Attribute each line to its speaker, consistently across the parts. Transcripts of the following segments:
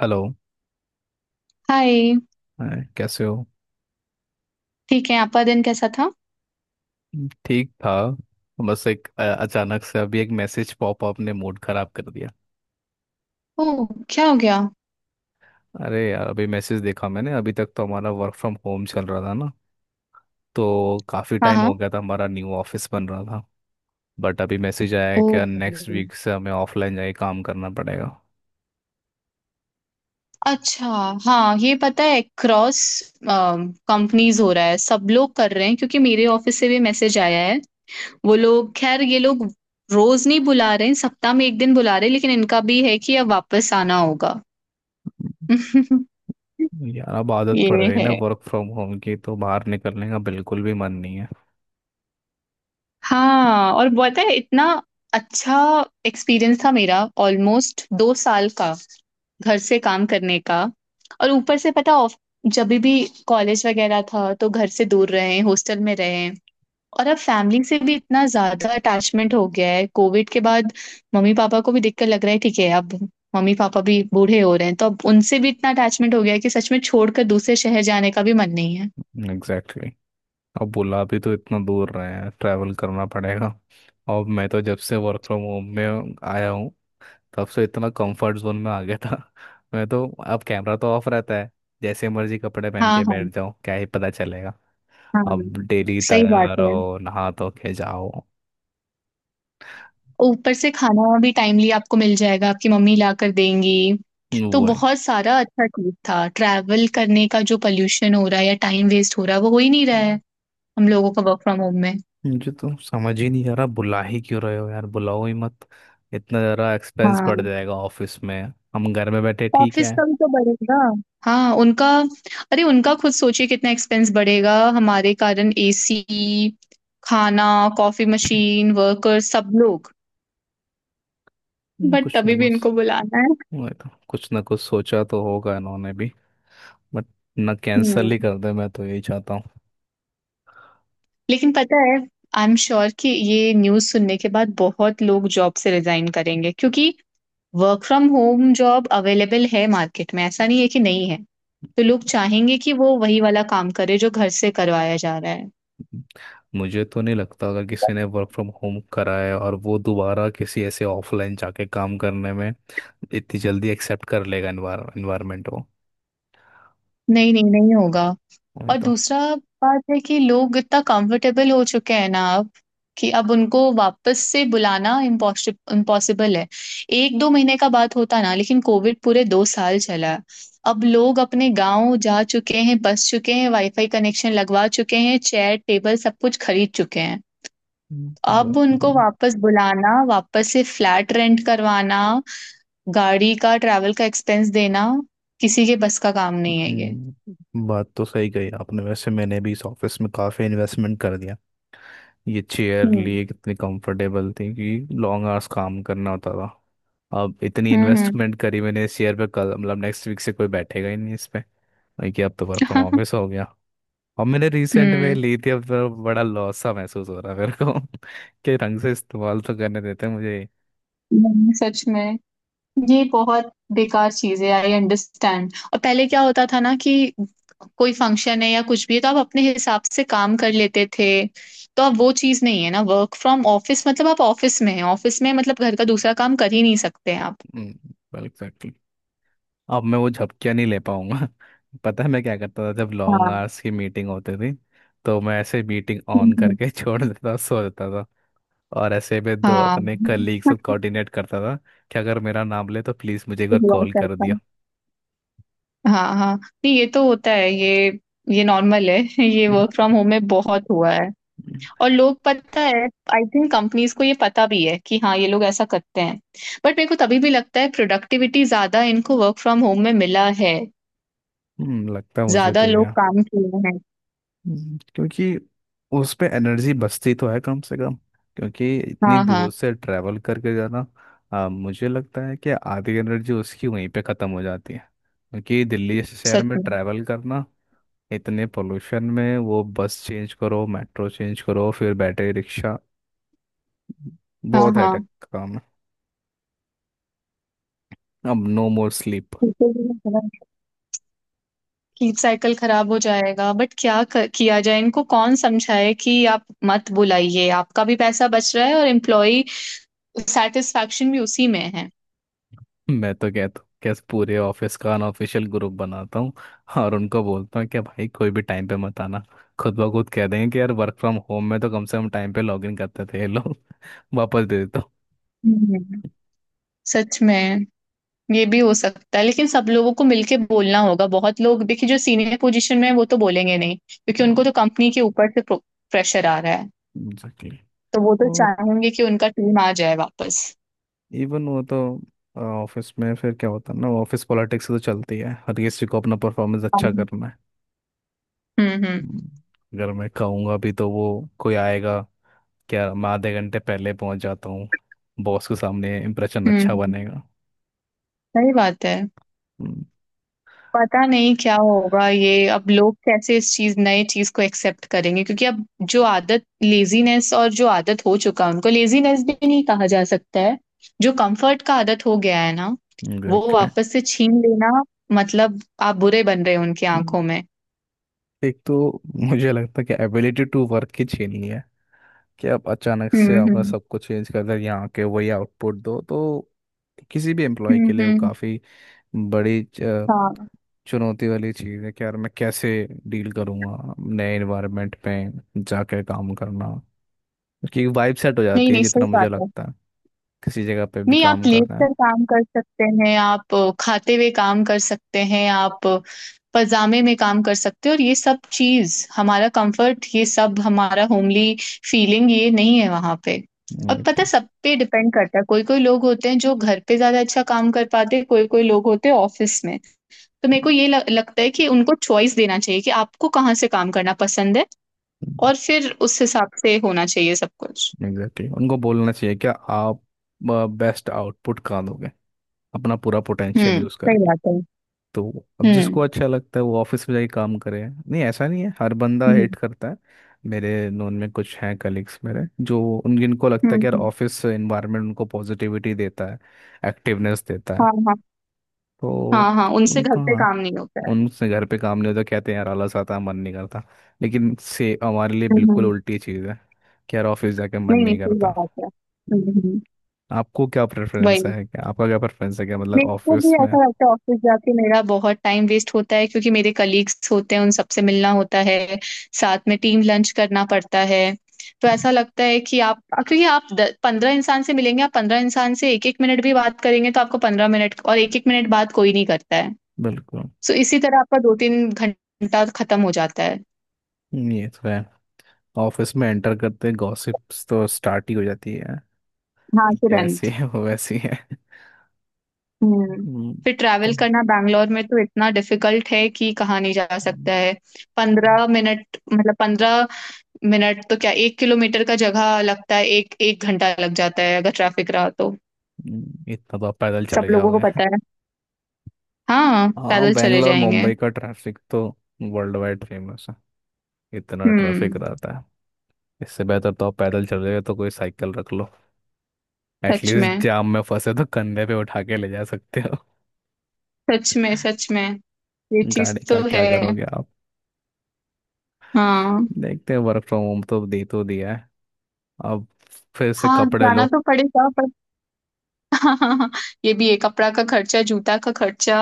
Speaker 1: Hello.
Speaker 2: Hi.
Speaker 1: Hi, कैसे हो।
Speaker 2: ठीक है, आपका दिन कैसा था?
Speaker 1: ठीक था। बस एक अचानक से अभी एक मैसेज पॉपअप ने मूड खराब कर दिया।
Speaker 2: ओह, क्या हो गया?
Speaker 1: अरे यार अभी मैसेज देखा मैंने। अभी तक तो हमारा वर्क फ्रॉम होम चल रहा था ना, तो काफ़ी
Speaker 2: हाँ
Speaker 1: टाइम
Speaker 2: हाँ।
Speaker 1: हो गया था हमारा न्यू ऑफिस बन रहा था। बट अभी मैसेज आया है
Speaker 2: ओ,
Speaker 1: कि नेक्स्ट वीक से हमें ऑफलाइन जाके काम करना पड़ेगा।
Speaker 2: अच्छा। हाँ, ये पता है, क्रॉस कंपनीज हो रहा है, सब लोग कर रहे हैं, क्योंकि मेरे ऑफिस से भी मैसेज आया है। वो लोग खैर, ये लोग रोज नहीं बुला रहे हैं, सप्ताह में एक दिन बुला रहे हैं, लेकिन इनका भी है कि अब वापस आना होगा।
Speaker 1: हम्म। यार अब आदत पड़
Speaker 2: ये
Speaker 1: गई
Speaker 2: है।
Speaker 1: ना वर्क फ्रॉम होम की, तो बाहर निकलने का बिल्कुल भी मन नहीं है।
Speaker 2: हाँ और पता है, इतना अच्छा एक्सपीरियंस था मेरा, ऑलमोस्ट 2 साल का, घर से काम करने का। और ऊपर से पता ऑफ, जब भी कॉलेज वगैरह था तो घर से दूर रहे, हॉस्टल में रहे। और अब फैमिली से भी इतना ज्यादा अटैचमेंट हो गया है कोविड के बाद। मम्मी पापा को भी देखकर लग रहा है, ठीक है अब, मम्मी पापा भी बूढ़े हो रहे हैं, तो अब उनसे भी इतना अटैचमेंट हो गया है कि सच में छोड़कर दूसरे शहर जाने का भी मन नहीं है।
Speaker 1: एग्जैक्टली। अब बुला भी तो इतना दूर रहे हैं, ट्रैवल करना पड़ेगा। और मैं तो जब से वर्क फ्रॉम होम में आया हूँ, तब से इतना कंफर्ट जोन में आ गया था मैं तो अब कैमरा तो ऑफ रहता है, जैसे मर्जी कपड़े पहन
Speaker 2: हाँ
Speaker 1: के
Speaker 2: हाँ।
Speaker 1: बैठ जाओ क्या ही पता चलेगा।
Speaker 2: हाँ
Speaker 1: अब डेली
Speaker 2: सही बात
Speaker 1: तैयार
Speaker 2: है।
Speaker 1: हो नहा धो के जाओ।
Speaker 2: ऊपर से खाना भी टाइमली आपको मिल जाएगा, आपकी मम्मी ला कर देंगी। तो
Speaker 1: वही।
Speaker 2: बहुत सारा अच्छा चीज़ था। ट्रैवल करने का जो पॉल्यूशन हो रहा है या टाइम वेस्ट हो रहा है, वो हो ही नहीं रहा है, हम लोगों का वर्क फ्रॉम होम में।
Speaker 1: मुझे तो समझ ही नहीं आ रहा बुला ही क्यों रहे हो यार, बुलाओ ही मत। इतना ज़रा एक्सपेंस बढ़
Speaker 2: हाँ,
Speaker 1: जाएगा ऑफिस में। हम घर में बैठे ठीक
Speaker 2: ऑफ़िस
Speaker 1: है।
Speaker 2: का भी तो बढ़ेगा। हाँ, उनका, अरे उनका खुद सोचिए कितना एक्सपेंस बढ़ेगा हमारे कारण, एसी, खाना, कॉफ़ी मशीन, वर्कर्स सब लोग। बट
Speaker 1: कुछ
Speaker 2: तभी
Speaker 1: नहीं
Speaker 2: भी
Speaker 1: बस।
Speaker 2: इनको बुलाना है।
Speaker 1: मैं तो कुछ ना कुछ सोचा तो होगा इन्होंने भी, बट ना कैंसिल
Speaker 2: हुँ,
Speaker 1: ही कर दे मैं तो यही चाहता
Speaker 2: लेकिन पता है, आई एम श्योर कि ये न्यूज़ सुनने के बाद बहुत लोग जॉब से रिज़ाइन करेंगे, क्योंकि work from home job available है मार्केट में, ऐसा नहीं है कि नहीं है। तो लोग चाहेंगे कि वो वही वाला काम करे जो घर से करवाया जा रहा है।
Speaker 1: हूँ। मुझे तो नहीं लगता अगर किसी ने वर्क फ्रॉम होम करा है और वो दोबारा किसी ऐसे ऑफलाइन जाके काम करने में इतनी जल्दी एक्सेप्ट कर लेगा इन्वायरमेंट वो।
Speaker 2: नहीं नहीं, नहीं होगा।
Speaker 1: वही
Speaker 2: और
Speaker 1: तो।
Speaker 2: दूसरा बात है कि लोग इतना कंफर्टेबल हो चुके हैं ना अब, कि अब उनको वापस से बुलाना इम्पॉसिबल इम्पॉसिबल है। एक दो महीने का बात होता ना, लेकिन कोविड पूरे 2 साल चला। अब लोग अपने गांव जा चुके हैं, बस चुके हैं, वाईफाई कनेक्शन लगवा चुके हैं, चेयर टेबल सब कुछ खरीद चुके हैं।
Speaker 1: हम्म, ब-
Speaker 2: अब उनको वापस बुलाना, वापस से फ्लैट रेंट करवाना, गाड़ी का ट्रैवल का एक्सपेंस देना, किसी के बस का काम नहीं है ये।
Speaker 1: बात तो सही कही आपने, वैसे मैंने भी इस ऑफिस में काफ़ी इन्वेस्टमेंट कर दिया। ये चेयर
Speaker 2: हम्म।
Speaker 1: लिए कितनी कंफर्टेबल थी कि लॉन्ग आवर्स काम करना होता था। अब इतनी
Speaker 2: हम्म
Speaker 1: इन्वेस्टमेंट करी मैंने शेयर पे कल मतलब नेक्स्ट वीक से कोई बैठेगा ही नहीं इस पे। वही कि अब तो वर्क फ्रॉम
Speaker 2: हम्म।
Speaker 1: ऑफिस हो गया। और मैंने रिसेंट में
Speaker 2: हम्म,
Speaker 1: ली थी, अब तो बड़ा लॉस सा महसूस हो रहा है मेरे को कि ढंग से इस्तेमाल तो करने देते हैं मुझे।
Speaker 2: नहीं, सच में ये बहुत बेकार चीज है, आई अंडरस्टैंड। और पहले क्या होता था ना कि कोई फंक्शन है या कुछ भी है तो आप अपने हिसाब से काम कर लेते थे। तो अब वो चीज नहीं है ना, वर्क फ्रॉम ऑफिस मतलब आप ऑफिस में हैं, ऑफिस में मतलब घर का दूसरा काम कर ही नहीं सकते हैं आप।
Speaker 1: एग्जैक्टली। अब मैं वो झपकियाँ नहीं ले पाऊंगा। पता है मैं क्या करता था जब लॉन्ग
Speaker 2: हाँ।
Speaker 1: आवर्स की मीटिंग होती थी, तो मैं ऐसे मीटिंग ऑन
Speaker 2: हम्म,
Speaker 1: करके छोड़ देता सो देता था। और ऐसे में दो
Speaker 2: हाँ।
Speaker 1: अपने कलीग से कोऑर्डिनेट करता था कि अगर मेरा नाम ले तो प्लीज़ मुझे एक बार
Speaker 2: हुआ
Speaker 1: कॉल कर
Speaker 2: करता
Speaker 1: दिया।
Speaker 2: है। हाँ हाँ, नहीं ये तो होता है ये नॉर्मल है। ये वर्क फ्रॉम होम में बहुत हुआ है। और लोग, पता है, आई थिंक कंपनीज को ये पता भी है कि हाँ, ये लोग ऐसा करते हैं। बट मेरे को तभी भी लगता है प्रोडक्टिविटी ज्यादा इनको वर्क फ्रॉम होम में मिला है,
Speaker 1: लगता है मुझे
Speaker 2: ज्यादा
Speaker 1: भी
Speaker 2: लोग
Speaker 1: है।
Speaker 2: काम किए हैं।
Speaker 1: क्योंकि उस पे एनर्जी बचती तो है कम से कम, क्योंकि इतनी
Speaker 2: हाँ हाँ।
Speaker 1: दूर से ट्रैवल करके जाना। मुझे लगता है कि आधी एनर्जी उसकी वहीं पे ख़त्म हो जाती है, क्योंकि दिल्ली जैसे शहर
Speaker 2: सच
Speaker 1: में
Speaker 2: में।
Speaker 1: ट्रैवल करना इतने पोल्यूशन में वो बस चेंज करो मेट्रो चेंज करो फिर बैटरी रिक्शा।
Speaker 2: हाँ
Speaker 1: बहुत
Speaker 2: हाँ।
Speaker 1: हेडेक का काम है। अब no more sleep.
Speaker 2: Keep cycle खराब हो जाएगा, बट क्या किया जाए, इनको कौन समझाए कि आप मत बुलाइए, आपका भी पैसा बच रहा है और एम्प्लॉय सेटिस्फैक्शन भी उसी में है।
Speaker 1: मैं तो कहता हूँ कैसे पूरे ऑफिस का अनऑफिशियल ग्रुप बनाता हूँ और उनको बोलता हूँ कि भाई कोई भी टाइम पे मत आना। खुद ब खुद कह देंगे कि यार वर्क फ्रॉम होम में तो कम से कम टाइम पे लॉग इन करते थे ये लोग। वापस दे देता
Speaker 2: हम्म, सच में, ये भी हो सकता है, लेकिन सब लोगों को मिलके बोलना होगा। बहुत लोग देखिए जो सीनियर पोजीशन में है वो तो बोलेंगे नहीं, क्योंकि
Speaker 1: हूँ।
Speaker 2: उनको तो कंपनी के ऊपर से प्रेशर आ रहा है।
Speaker 1: एग्जैक्टली।
Speaker 2: तो वो तो
Speaker 1: और
Speaker 2: चाहेंगे कि उनका टीम आ जाए वापस।
Speaker 1: इवन वो तो ऑफिस में फिर क्या होता है ना, ऑफिस पॉलिटिक्स तो चलती है हर किसी को अपना परफॉर्मेंस अच्छा
Speaker 2: हाँ,
Speaker 1: करना है।
Speaker 2: हम्म।
Speaker 1: हम्म, अगर मैं कहूँगा भी तो वो कोई आएगा क्या, मैं आधे घंटे पहले पहुँच जाता हूँ बॉस के सामने इम्प्रेशन
Speaker 2: हम्म
Speaker 1: अच्छा बनेगा।
Speaker 2: सही बात है। पता नहीं क्या होगा ये, अब लोग कैसे इस चीज, नए चीज को एक्सेप्ट करेंगे, क्योंकि अब जो आदत, लेजीनेस, और जो आदत हो चुका है, उनको लेजीनेस भी नहीं कहा जा सकता है, जो कंफर्ट का आदत हो गया है ना, वो
Speaker 1: एग्जैक्टली।
Speaker 2: वापस से छीन लेना, मतलब आप बुरे बन रहे हो उनकी
Speaker 1: हम्म।
Speaker 2: आंखों में।
Speaker 1: एक तो मुझे लगता है कि एबिलिटी टू वर्क की छीनी है कि आप अचानक से आपने
Speaker 2: हम्म।
Speaker 1: सब कुछ चेंज कर दिया यहाँ के वही आउटपुट दो तो किसी भी एम्प्लॉय
Speaker 2: हम्म
Speaker 1: के लिए वो
Speaker 2: हम्म,
Speaker 1: काफ़ी बड़ी
Speaker 2: हाँ।
Speaker 1: चुनौती वाली चीज़ है कि यार मैं कैसे डील करूँगा नए एनवायरनमेंट में जाकर काम करना, क्योंकि वाइब सेट हो
Speaker 2: नहीं
Speaker 1: जाती है
Speaker 2: नहीं, सही
Speaker 1: जितना मुझे
Speaker 2: बात है।
Speaker 1: लगता है किसी जगह पे भी
Speaker 2: नहीं, आप
Speaker 1: काम
Speaker 2: लेट
Speaker 1: करना है।
Speaker 2: कर काम कर सकते हैं, आप खाते हुए काम कर सकते हैं, आप पजामे में काम कर सकते हैं, और ये सब चीज हमारा कंफर्ट, ये सब हमारा होमली फीलिंग, ये नहीं है वहां पे। और पता है,
Speaker 1: एग्जैक्टली।
Speaker 2: सब पे डिपेंड करता है, कोई कोई लोग होते हैं जो घर पे ज्यादा अच्छा काम कर पाते हैं, कोई कोई लोग होते हैं ऑफिस में। तो मेरे को ये लगता है कि उनको चॉइस देना चाहिए कि आपको कहाँ से काम करना पसंद है, और फिर उस हिसाब से होना चाहिए सब कुछ।
Speaker 1: एग्जैक्टली उनको बोलना चाहिए क्या आप बेस्ट आउटपुट कहाँ दोगे अपना पूरा पोटेंशियल
Speaker 2: हम्म,
Speaker 1: यूज़
Speaker 2: सही
Speaker 1: करके।
Speaker 2: बात है।
Speaker 1: तो अब जिसको
Speaker 2: हम्म
Speaker 1: अच्छा लगता है वो ऑफिस में जाके काम करे, नहीं ऐसा नहीं है हर बंदा
Speaker 2: हम्म।
Speaker 1: हेट करता है। मेरे नोन में कुछ हैं कलीग्स मेरे जो उन जिनको लगता
Speaker 2: हम्म
Speaker 1: है कि यार
Speaker 2: हम्म,
Speaker 1: ऑफिस एनवायरनमेंट उनको पॉजिटिविटी देता है, एक्टिवनेस देता है।
Speaker 2: हाँ हाँ।
Speaker 1: तो
Speaker 2: हाँ हाँ, उनसे घर
Speaker 1: उनका
Speaker 2: पे काम नहीं होता है।
Speaker 1: उनसे घर पे काम नहीं होता, कहते हैं यार आलस आता है, मन नहीं करता। लेकिन से हमारे लिए बिल्कुल
Speaker 2: हम्म।
Speaker 1: उल्टी चीज़ है कि यार ऑफिस जाके मन
Speaker 2: नहीं नहीं,
Speaker 1: नहीं
Speaker 2: सही
Speaker 1: करता।
Speaker 2: बात है। हम्म।
Speaker 1: आपको क्या प्रेफरेंस
Speaker 2: वही,
Speaker 1: है क्या, आपका क्या प्रेफरेंस है क्या मतलब
Speaker 2: मेरे को भी
Speaker 1: ऑफिस में।
Speaker 2: ऐसा लगता है, ऑफिस जाके मेरा बहुत टाइम वेस्ट होता है, क्योंकि मेरे कलीग्स होते हैं, उन सबसे मिलना होता है, साथ में टीम लंच करना पड़ता है। तो ऐसा लगता है कि आप, क्योंकि आप पंद्रह इंसान से मिलेंगे, आप 15 इंसान से एक एक मिनट भी बात करेंगे तो आपको 15 मिनट, और एक एक मिनट बात कोई नहीं करता है।
Speaker 1: बिल्कुल।
Speaker 2: सो इसी तरह आपका 2-3 घंटा खत्म हो जाता है।
Speaker 1: ये तो है। ऑफिस में एंटर करते ही गॉसिप्स तो स्टार्ट ही हो जाती है,
Speaker 2: हाँ,
Speaker 1: ये ऐसी
Speaker 2: तुरंत।
Speaker 1: है वो वैसी है।
Speaker 2: हम्म।
Speaker 1: हम्म,
Speaker 2: फिर
Speaker 1: तो
Speaker 2: ट्रैवल करना बैंगलोर में तो इतना डिफिकल्ट है कि कहाँ नहीं जा
Speaker 1: हम्म,
Speaker 2: सकता है। 15 मिनट, मतलब 15 मिनट तो क्या, 1 किलोमीटर का जगह लगता है एक एक घंटा लग जाता है, अगर ट्रैफिक रहा तो।
Speaker 1: इतना तो आप पैदल
Speaker 2: सब
Speaker 1: चले
Speaker 2: लोगों को
Speaker 1: जाओगे।
Speaker 2: पता है। हाँ,
Speaker 1: हाँ
Speaker 2: पैदल चले
Speaker 1: बेंगलोर
Speaker 2: जाएंगे।
Speaker 1: मुंबई का ट्रैफिक तो वर्ल्ड वाइड फेमस है, इतना ट्रैफिक
Speaker 2: हम्म।
Speaker 1: रहता है। इससे बेहतर तो आप पैदल चले गए तो कोई साइकिल रख लो,
Speaker 2: सच
Speaker 1: एटलीस्ट
Speaker 2: में,
Speaker 1: जाम में फंसे तो कंधे पे उठा के ले जा सकते हो।
Speaker 2: सच में सच में, ये चीज
Speaker 1: गाड़ी का
Speaker 2: तो
Speaker 1: क्या
Speaker 2: है।
Speaker 1: करोगे आप।
Speaker 2: हाँ
Speaker 1: देखते हैं वर्क फ्रॉम होम तो दे तो दिया है, अब फिर से
Speaker 2: हाँ,
Speaker 1: कपड़े
Speaker 2: जाना
Speaker 1: लो।
Speaker 2: तो पड़ेगा। हाँ, ये भी है, कपड़ा का खर्चा, जूता का खर्चा,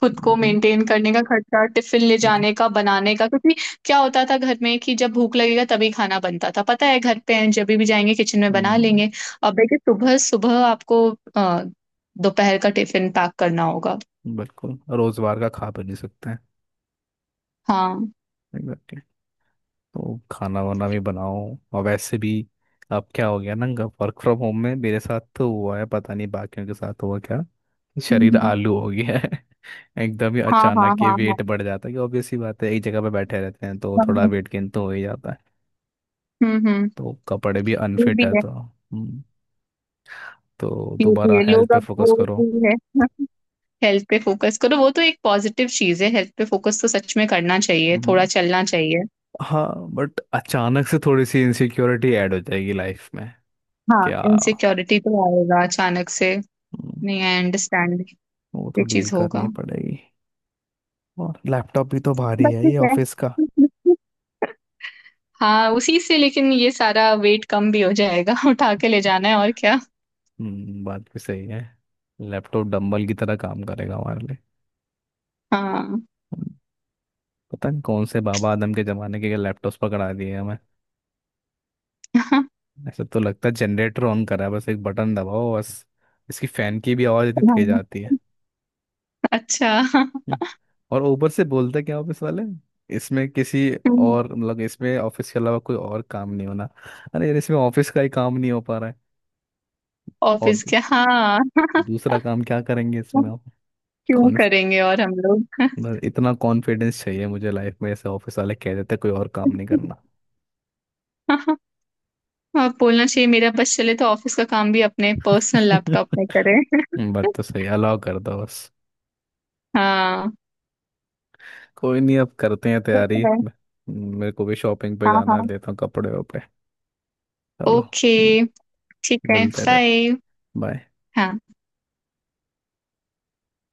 Speaker 2: खुद को
Speaker 1: बताओ।
Speaker 2: मेंटेन करने का खर्चा, टिफिन ले जाने का, बनाने का, क्योंकि क्या होता था घर में कि जब भूख लगेगा तभी खाना बनता था, पता है घर पे हैं जब भी जाएंगे किचन में बना
Speaker 1: हम्म
Speaker 2: लेंगे। अब देखिए सुबह सुबह आपको अ, दोपहर का टिफिन पैक करना होगा।
Speaker 1: बिल्कुल रोजवार का खा भी नहीं सकते हैं।
Speaker 2: हाँ।
Speaker 1: एग्जैक्टली। तो खाना वाना भी बनाओ। और वैसे भी अब क्या हो गया ना, वर्क फ्रॉम होम में मेरे साथ तो हुआ है पता नहीं बाकियों के साथ हुआ क्या, शरीर
Speaker 2: हम्म,
Speaker 1: आलू हो गया है। एकदम ही
Speaker 2: हाँ हाँ
Speaker 1: अचानक ये
Speaker 2: हाँ हाँ।
Speaker 1: वेट बढ़ जाता है कि ऑब्वियस सी बात है एक जगह पे बैठे रहते हैं तो
Speaker 2: हाँ,
Speaker 1: थोड़ा
Speaker 2: हाँ।
Speaker 1: वेट गेन तो हो ही जाता है।
Speaker 2: हम्म।
Speaker 1: तो कपड़े भी
Speaker 2: ये
Speaker 1: अनफिट
Speaker 2: भी
Speaker 1: है
Speaker 2: है।
Speaker 1: तो
Speaker 2: ये भी
Speaker 1: दोबारा
Speaker 2: है,
Speaker 1: हेल्थ
Speaker 2: लोग
Speaker 1: पे
Speaker 2: अब,
Speaker 1: फोकस
Speaker 2: वो
Speaker 1: करो।
Speaker 2: भी है, हेल्थ पे फोकस करो, वो तो एक पॉजिटिव चीज है, हेल्थ पे फोकस तो सच में करना चाहिए, थोड़ा
Speaker 1: हम्म,
Speaker 2: चलना चाहिए।
Speaker 1: हाँ। बट अचानक से थोड़ी सी इनसिक्योरिटी ऐड हो जाएगी लाइफ में।
Speaker 2: हाँ,
Speaker 1: क्या।
Speaker 2: इनसिक्योरिटी तो आएगा अचानक से।
Speaker 1: हम्म,
Speaker 2: नहीं, आई अंडरस्टैंड,
Speaker 1: वो तो
Speaker 2: ये
Speaker 1: डील
Speaker 2: चीज
Speaker 1: करनी
Speaker 2: होगा,
Speaker 1: पड़ेगी। और लैपटॉप भी तो भारी
Speaker 2: बट
Speaker 1: है
Speaker 2: ठीक
Speaker 1: ये
Speaker 2: है।
Speaker 1: ऑफिस का।
Speaker 2: हाँ, उसी से, लेकिन ये सारा वेट कम भी हो जाएगा। उठा के ले जाना है और क्या।
Speaker 1: बात भी सही है, लैपटॉप डंबल की तरह काम करेगा हमारे लिए।
Speaker 2: हाँ।
Speaker 1: हम्म, पता नहीं कौन से बाबा आदम के जमाने के लैपटॉप्स पकड़ा दिए हमें।
Speaker 2: हाँ,
Speaker 1: ऐसा तो लगता है जनरेटर ऑन करा है बस एक बटन दबाओ बस, इसकी फैन की भी आवाज़ इतनी तेज आती है।
Speaker 2: अच्छा।
Speaker 1: हम्म, और ऊपर से बोलते क्या ऑफिस वाले इसमें किसी और मतलब इसमें ऑफिस के अलावा कोई और काम नहीं होना, अरे यार इसमें ऑफिस का ही काम नहीं हो पा रहा है, और
Speaker 2: ऑफिस क्या, हाँ।
Speaker 1: दूसरा काम क्या करेंगे इसमें आप।
Speaker 2: क्यों करेंगे, और हम लोग।
Speaker 1: बस इतना कॉन्फिडेंस चाहिए मुझे लाइफ में ऐसे ऑफिस वाले कह देते कोई और काम नहीं करना।
Speaker 2: हाँ, बोलना चाहिए, मेरा बस चले तो ऑफिस का काम भी अपने पर्सनल लैपटॉप में करें।
Speaker 1: बात तो सही अलाउ कर दो बस।
Speaker 2: हाँ।
Speaker 1: कोई नहीं अब करते हैं
Speaker 2: ठीक
Speaker 1: तैयारी
Speaker 2: है।
Speaker 1: म- मेरे को भी शॉपिंग पे
Speaker 2: हाँ
Speaker 1: जाना है
Speaker 2: हाँ।
Speaker 1: देता हूँ कपड़े वपड़े। चलो।
Speaker 2: ओके, ठीक है,
Speaker 1: मिलते रहे।
Speaker 2: बाय।
Speaker 1: बाय।
Speaker 2: हाँ।